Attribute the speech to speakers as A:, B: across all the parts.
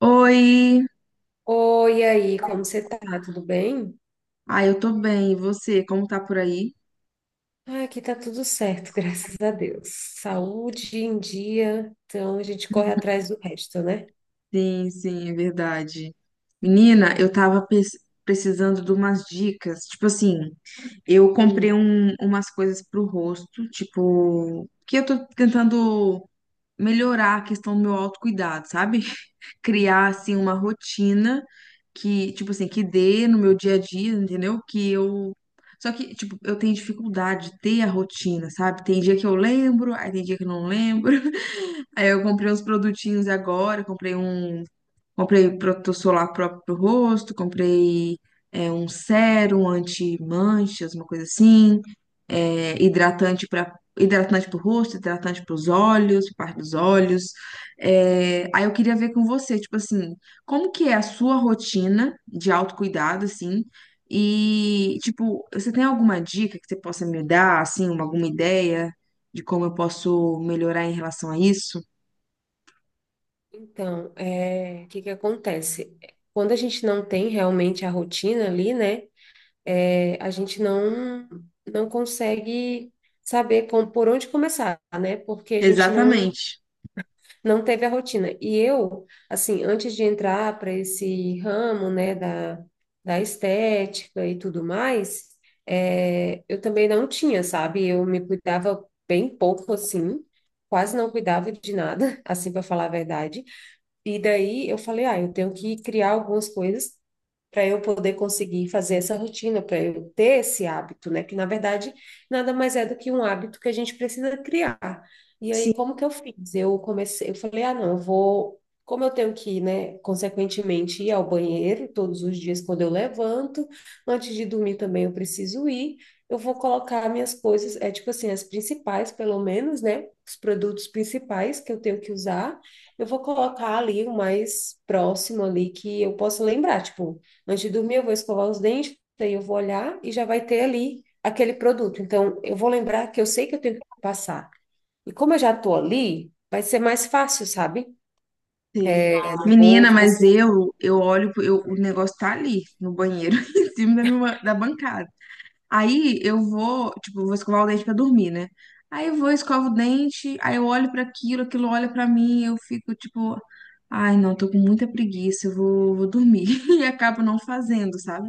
A: Oi!
B: Oi, aí, como você tá? Tudo bem?
A: Ah, eu tô bem. E você, como tá por aí?
B: Ah, aqui tá tudo certo, graças a Deus. Saúde em dia, então a gente corre atrás do resto, né?
A: Sim, sim, é verdade. Menina, eu tava precisando de umas dicas. Tipo assim, eu comprei
B: Hum.
A: umas coisas pro rosto, tipo, que eu tô tentando melhorar a questão do meu autocuidado, sabe? Criar, assim, uma rotina que, tipo assim, que dê no meu dia a dia, entendeu? Que eu. Só que, tipo, eu tenho dificuldade de ter a rotina, sabe? Tem dia que eu lembro, aí tem dia que eu não lembro. Aí eu comprei uns produtinhos agora, comprei um. Comprei protetor solar próprio pro rosto, comprei um sérum anti-manchas, uma coisa assim, hidratante para hidratante pro rosto, hidratante para os olhos, pra parte dos olhos. É, aí eu queria ver com você, tipo assim, como que é a sua rotina de autocuidado, assim, e, tipo, você tem alguma dica que você possa me dar, assim, uma, alguma ideia de como eu posso melhorar em relação a isso?
B: Então, é, o que que acontece? Quando a gente não tem realmente a rotina ali, né? É, a gente não consegue saber por onde começar, né? Porque a gente não
A: Exatamente.
B: não teve a rotina. E eu, assim, antes de entrar para esse ramo, né, da estética e tudo mais, é, eu também não tinha, sabe? Eu me cuidava bem pouco, assim, quase não cuidava de nada, assim, para falar a verdade. E daí eu falei, ah, eu tenho que criar algumas coisas para eu poder conseguir fazer essa rotina, para eu ter esse hábito, né? Que na verdade nada mais é do que um hábito que a gente precisa criar. E aí, como que eu fiz? Eu comecei, eu falei, ah, não, eu vou. Como eu tenho que, né, consequentemente ir ao banheiro todos os dias quando eu levanto, antes de dormir também eu preciso ir, eu vou colocar minhas coisas, é tipo assim, as principais, pelo menos, né, os produtos principais que eu tenho que usar, eu vou colocar ali o mais próximo ali que eu possa lembrar, tipo, antes de dormir, eu vou escovar os dentes, aí eu vou olhar e já vai ter ali aquele produto. Então, eu vou lembrar que eu sei que eu tenho que passar. E como eu já estou ali, vai ser mais fácil, sabe?
A: Sei.
B: Eu não vou,
A: Menina,
B: tipo,
A: mas
B: assim.
A: eu olho, eu, o negócio tá ali no banheiro, em cima da, minha, da bancada. Aí eu vou, tipo, eu vou escovar o dente pra dormir, né? Aí eu vou, escovo o dente, aí eu olho pra aquilo, aquilo olha pra mim, eu fico tipo, ai, não, tô com muita preguiça, eu vou, vou dormir. E acabo não fazendo, sabe?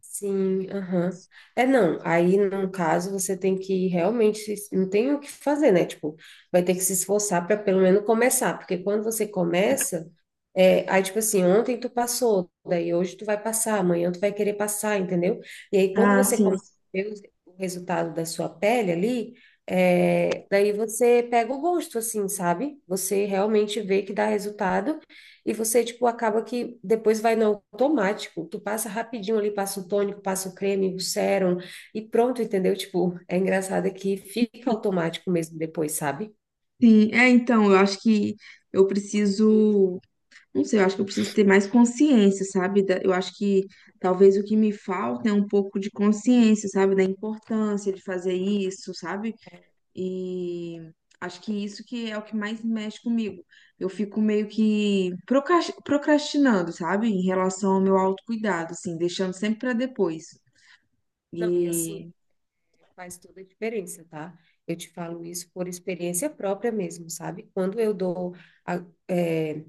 B: Sim, aham. É, não, aí no caso você tem que realmente, não tem o que fazer, né? Tipo, vai ter que se esforçar para pelo menos começar, porque quando você começa, é, aí tipo assim, ontem tu passou, daí hoje tu vai passar, amanhã tu vai querer passar, entendeu? E aí quando
A: Ah,
B: você
A: sim.
B: começa a ver o resultado da sua pele ali, é, daí você pega o gosto, assim, sabe? Você realmente vê que dá resultado. E você, tipo, acaba que depois vai no automático. Tu passa rapidinho ali, passa o tônico, passa o creme, o sérum e pronto, entendeu? Tipo, é engraçado que fica automático mesmo depois, sabe?
A: Sim, é, então, eu acho que eu preciso. Não sei, eu acho que eu preciso ter mais consciência, sabe? Da- Eu acho que talvez o que me falta é um pouco de consciência, sabe? Da importância de fazer isso, sabe? E acho que isso que é o que mais mexe comigo. Eu fico meio que procrastinando, sabe? Em relação ao meu autocuidado, assim, deixando sempre para depois.
B: Não, e assim,
A: E.
B: faz toda a diferença, tá? Eu te falo isso por experiência própria mesmo, sabe? Quando eu dou, é,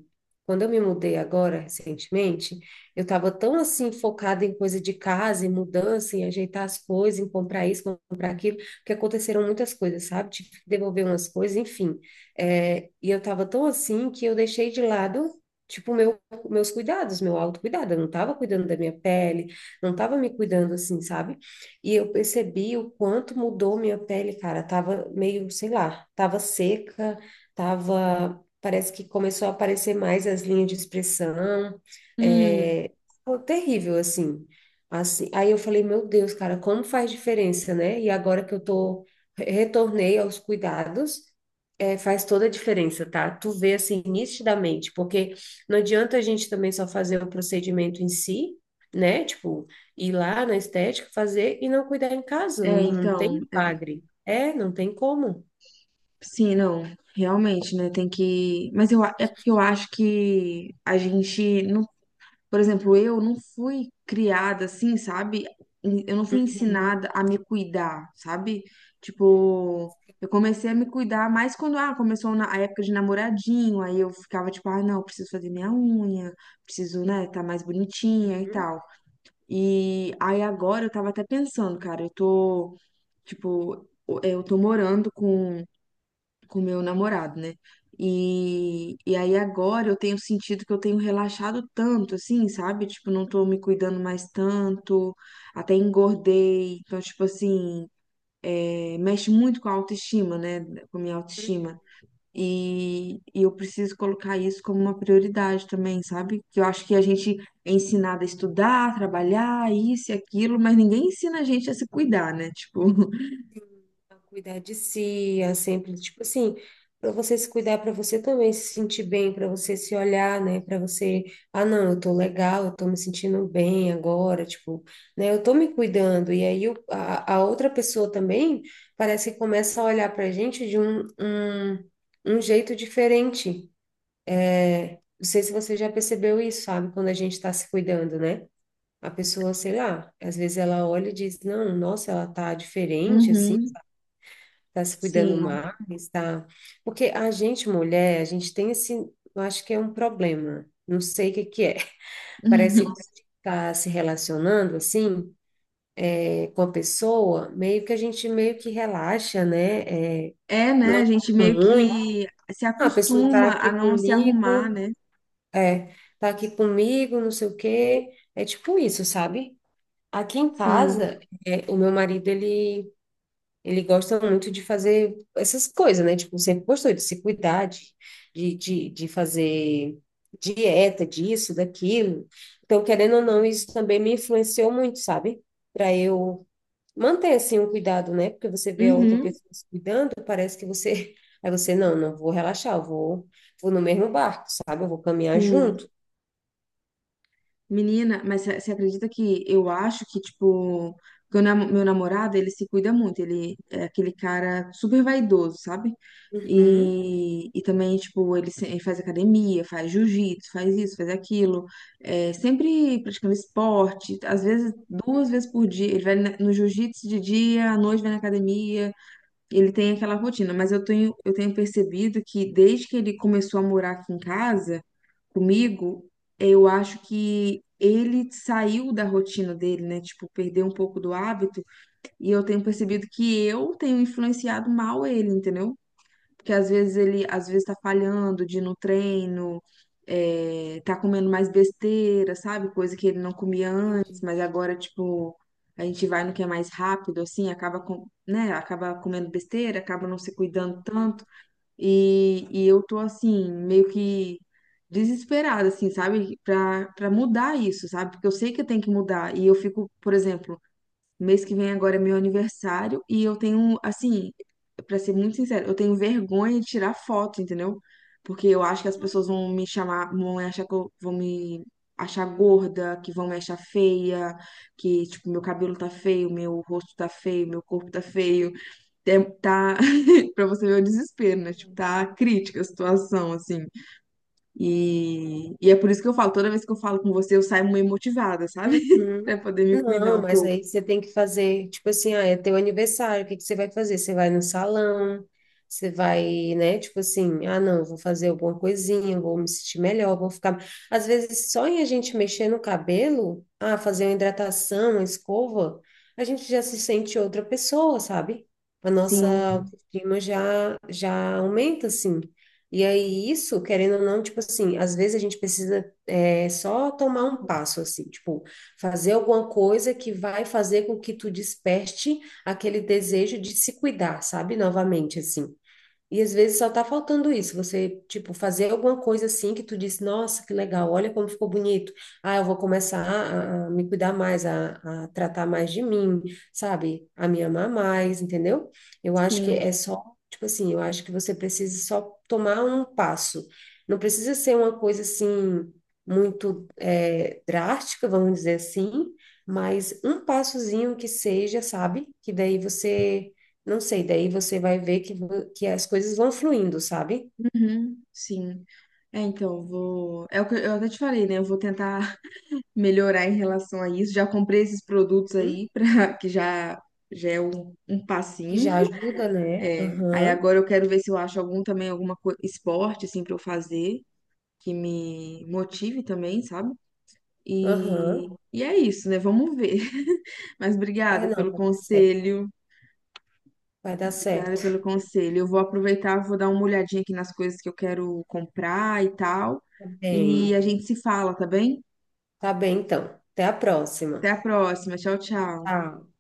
B: quando eu me mudei agora, recentemente, eu estava tão assim focada em coisa de casa, em mudança, em ajeitar as coisas, em comprar isso, comprar aquilo, que aconteceram muitas coisas, sabe? Tive que devolver umas coisas, enfim. É, e eu estava tão assim que eu deixei de lado, tipo, meus cuidados, meu autocuidado. Eu não estava cuidando da minha pele, não estava me cuidando assim, sabe? E eu percebi o quanto mudou minha pele, cara. Tava meio, sei lá, tava seca, tava. Parece que começou a aparecer mais as linhas de expressão.
A: Hum,
B: É, foi terrível, assim. Assim, aí eu falei, meu Deus, cara, como faz diferença, né? E agora que eu tô, retornei aos cuidados, é, faz toda a diferença, tá? Tu vê assim nitidamente, porque não adianta a gente também só fazer o procedimento em si, né? Tipo, ir lá na estética fazer e não cuidar em casa. Não,
A: é,
B: não tem
A: então.
B: milagre. É, não tem como.
A: Sim, não. Realmente, né? Tem que. Mas eu, a- é porque eu acho que a gente. Por exemplo, eu não fui criada assim, sabe? Eu não fui
B: Uhum,
A: ensinada a me cuidar, sabe? Tipo, eu comecei a me cuidar mais quando, ah, começou na a época de namoradinho, aí eu ficava tipo, ah, não, preciso fazer minha unha, preciso, né, tá mais bonitinha e
B: uhum,
A: tal. E aí agora eu tava até pensando, cara, eu tô, tipo, eu tô morando com meu namorado, né? E aí agora eu tenho sentido que eu tenho relaxado tanto, assim, sabe? Tipo, não tô me cuidando mais tanto, até engordei. Então, tipo assim, é, mexe muito com a autoestima, né? Com a minha
B: uhum.
A: autoestima. E eu preciso colocar isso como uma prioridade também, sabe? Que eu acho que a gente é ensinado a estudar, trabalhar, isso e aquilo, mas ninguém ensina a gente a se cuidar, né? Tipo,
B: A cuidar de si, a sempre, tipo assim, para você se cuidar, para você também se sentir bem, para você se olhar, né? Para você, ah, não, eu tô legal, eu tô me sentindo bem agora, tipo, né? Eu tô me cuidando. E aí a outra pessoa também parece que começa a olhar pra gente de um, um jeito diferente. É, não sei se você já percebeu isso, sabe? Quando a gente está se cuidando, né? A pessoa, sei lá, às vezes ela olha e diz, não, nossa, ela tá diferente, assim,
A: uhum,
B: tá se cuidando
A: sim.
B: mais, tá... Porque a gente, mulher, a gente tem esse, eu acho que é um problema, não sei o que que é. Parece que tá se relacionando, assim, é, com a pessoa, meio que a gente meio que relaxa, né? É,
A: É, né?
B: não
A: A gente
B: é
A: meio
B: muito,
A: que se
B: ah, a pessoa tá
A: acostuma a
B: aqui
A: não se arrumar,
B: comigo...
A: né?
B: É, tá aqui comigo, não sei o quê. É tipo isso, sabe? Aqui em
A: Sim.
B: casa, é, o meu marido, ele gosta muito de fazer essas coisas, né? Tipo, sempre gostou de se cuidar, de fazer dieta, disso, daquilo. Então, querendo ou não, isso também me influenciou muito, sabe? Para eu manter, assim, o cuidado, né? Porque você vê a outra
A: Uhum.
B: pessoa se cuidando, parece que você... Aí você, não, não vou relaxar, eu vou, vou no mesmo barco, sabe? Eu vou caminhar
A: Sim.
B: junto.
A: Menina, mas você acredita que eu acho que, tipo, que o meu namorado, ele se cuida muito. Ele é aquele cara super vaidoso, sabe?
B: Uhum.
A: E também, tipo, ele, ele faz academia, faz jiu-jitsu, faz isso, faz aquilo. É, sempre praticando esporte. Às vezes, duas vezes por dia. Ele vai no jiu-jitsu de dia, à noite vai na academia. Ele tem aquela rotina, mas eu tenho percebido que desde que ele começou a morar aqui em casa comigo, eu acho que ele saiu da rotina dele, né? Tipo, perdeu um pouco do hábito, e eu tenho percebido que eu tenho influenciado mal ele, entendeu? Porque às vezes ele às vezes tá falhando de ir no treino, é, tá comendo mais besteira, sabe? Coisa que ele não comia antes,
B: Entendi.
A: mas agora, tipo, a gente vai no que é mais rápido, assim, acaba com, né? Acaba comendo besteira, acaba não se cuidando tanto. E eu tô assim, meio que desesperada, assim, sabe? Pra, pra mudar isso, sabe? Porque eu sei que eu tenho que mudar. E eu fico, por exemplo, mês que vem agora é meu aniversário e eu tenho, assim, pra ser muito sincero, eu tenho vergonha de tirar foto, entendeu? Porque eu acho que as
B: Não.
A: pessoas vão me chamar, vão me achar que eu, vão me achar gorda, que vão me achar feia, que, tipo, meu cabelo tá feio, meu rosto tá feio, meu corpo tá feio. É, tá, pra você ver o desespero, né? Tipo, tá crítica a situação, assim. E é por isso que eu falo, toda vez que eu falo com você, eu saio meio motivada, sabe?
B: Uhum.
A: Pra poder me cuidar
B: Não,
A: um
B: mas
A: pouco.
B: aí você tem que fazer, tipo assim, ah, é teu aniversário, o que que você vai fazer? Você vai no salão, você vai, né, tipo assim, ah, não, vou fazer alguma coisinha, vou me sentir melhor, vou ficar. Às vezes, só em a gente mexer no cabelo, ah, fazer uma hidratação, uma escova, a gente já se sente outra pessoa, sabe? A nossa
A: Sim.
B: autoestima já aumenta, assim. E aí, isso, querendo ou não, tipo assim, às vezes a gente precisa é só tomar um passo, assim, tipo, fazer alguma coisa que vai fazer com que tu desperte aquele desejo de se cuidar, sabe? Novamente, assim. E às vezes só tá faltando isso, você, tipo, fazer alguma coisa assim que tu disse, nossa, que legal, olha como ficou bonito. Ah, eu vou começar a me cuidar mais, a tratar mais de mim, sabe? A me amar mais, entendeu? Eu acho que
A: Sim,
B: é só, tipo assim, eu acho que você precisa só tomar um passo. Não precisa ser uma coisa assim, muito é, drástica, vamos dizer assim, mas um passozinho que seja, sabe? Que daí você não sei, daí você vai ver que, que as coisas vão fluindo, sabe?
A: uhum, sim. É, então, vou. É o que eu até te falei, né? Eu vou tentar melhorar em relação a isso. Já comprei esses produtos
B: Uhum.
A: aí, pra... que já, já é um, um
B: Que
A: passinho.
B: já ajuda, né?
A: É. Aí
B: Aham,
A: agora eu quero ver se eu acho algum também, alguma co... esporte, assim, pra eu fazer, que me motive também, sabe? E,
B: aham.
A: e é isso, né? Vamos ver. Mas
B: É,
A: obrigada
B: não,
A: pelo
B: vai dar certo.
A: conselho.
B: Vai dar
A: Obrigada pelo
B: certo.
A: conselho. Eu vou aproveitar, vou dar uma olhadinha aqui nas coisas que eu quero comprar e tal.
B: Tá
A: E
B: bem,
A: a gente se fala, tá bem?
B: tá bem então. Até a próxima.
A: Até a próxima. Tchau, tchau.
B: Tchau.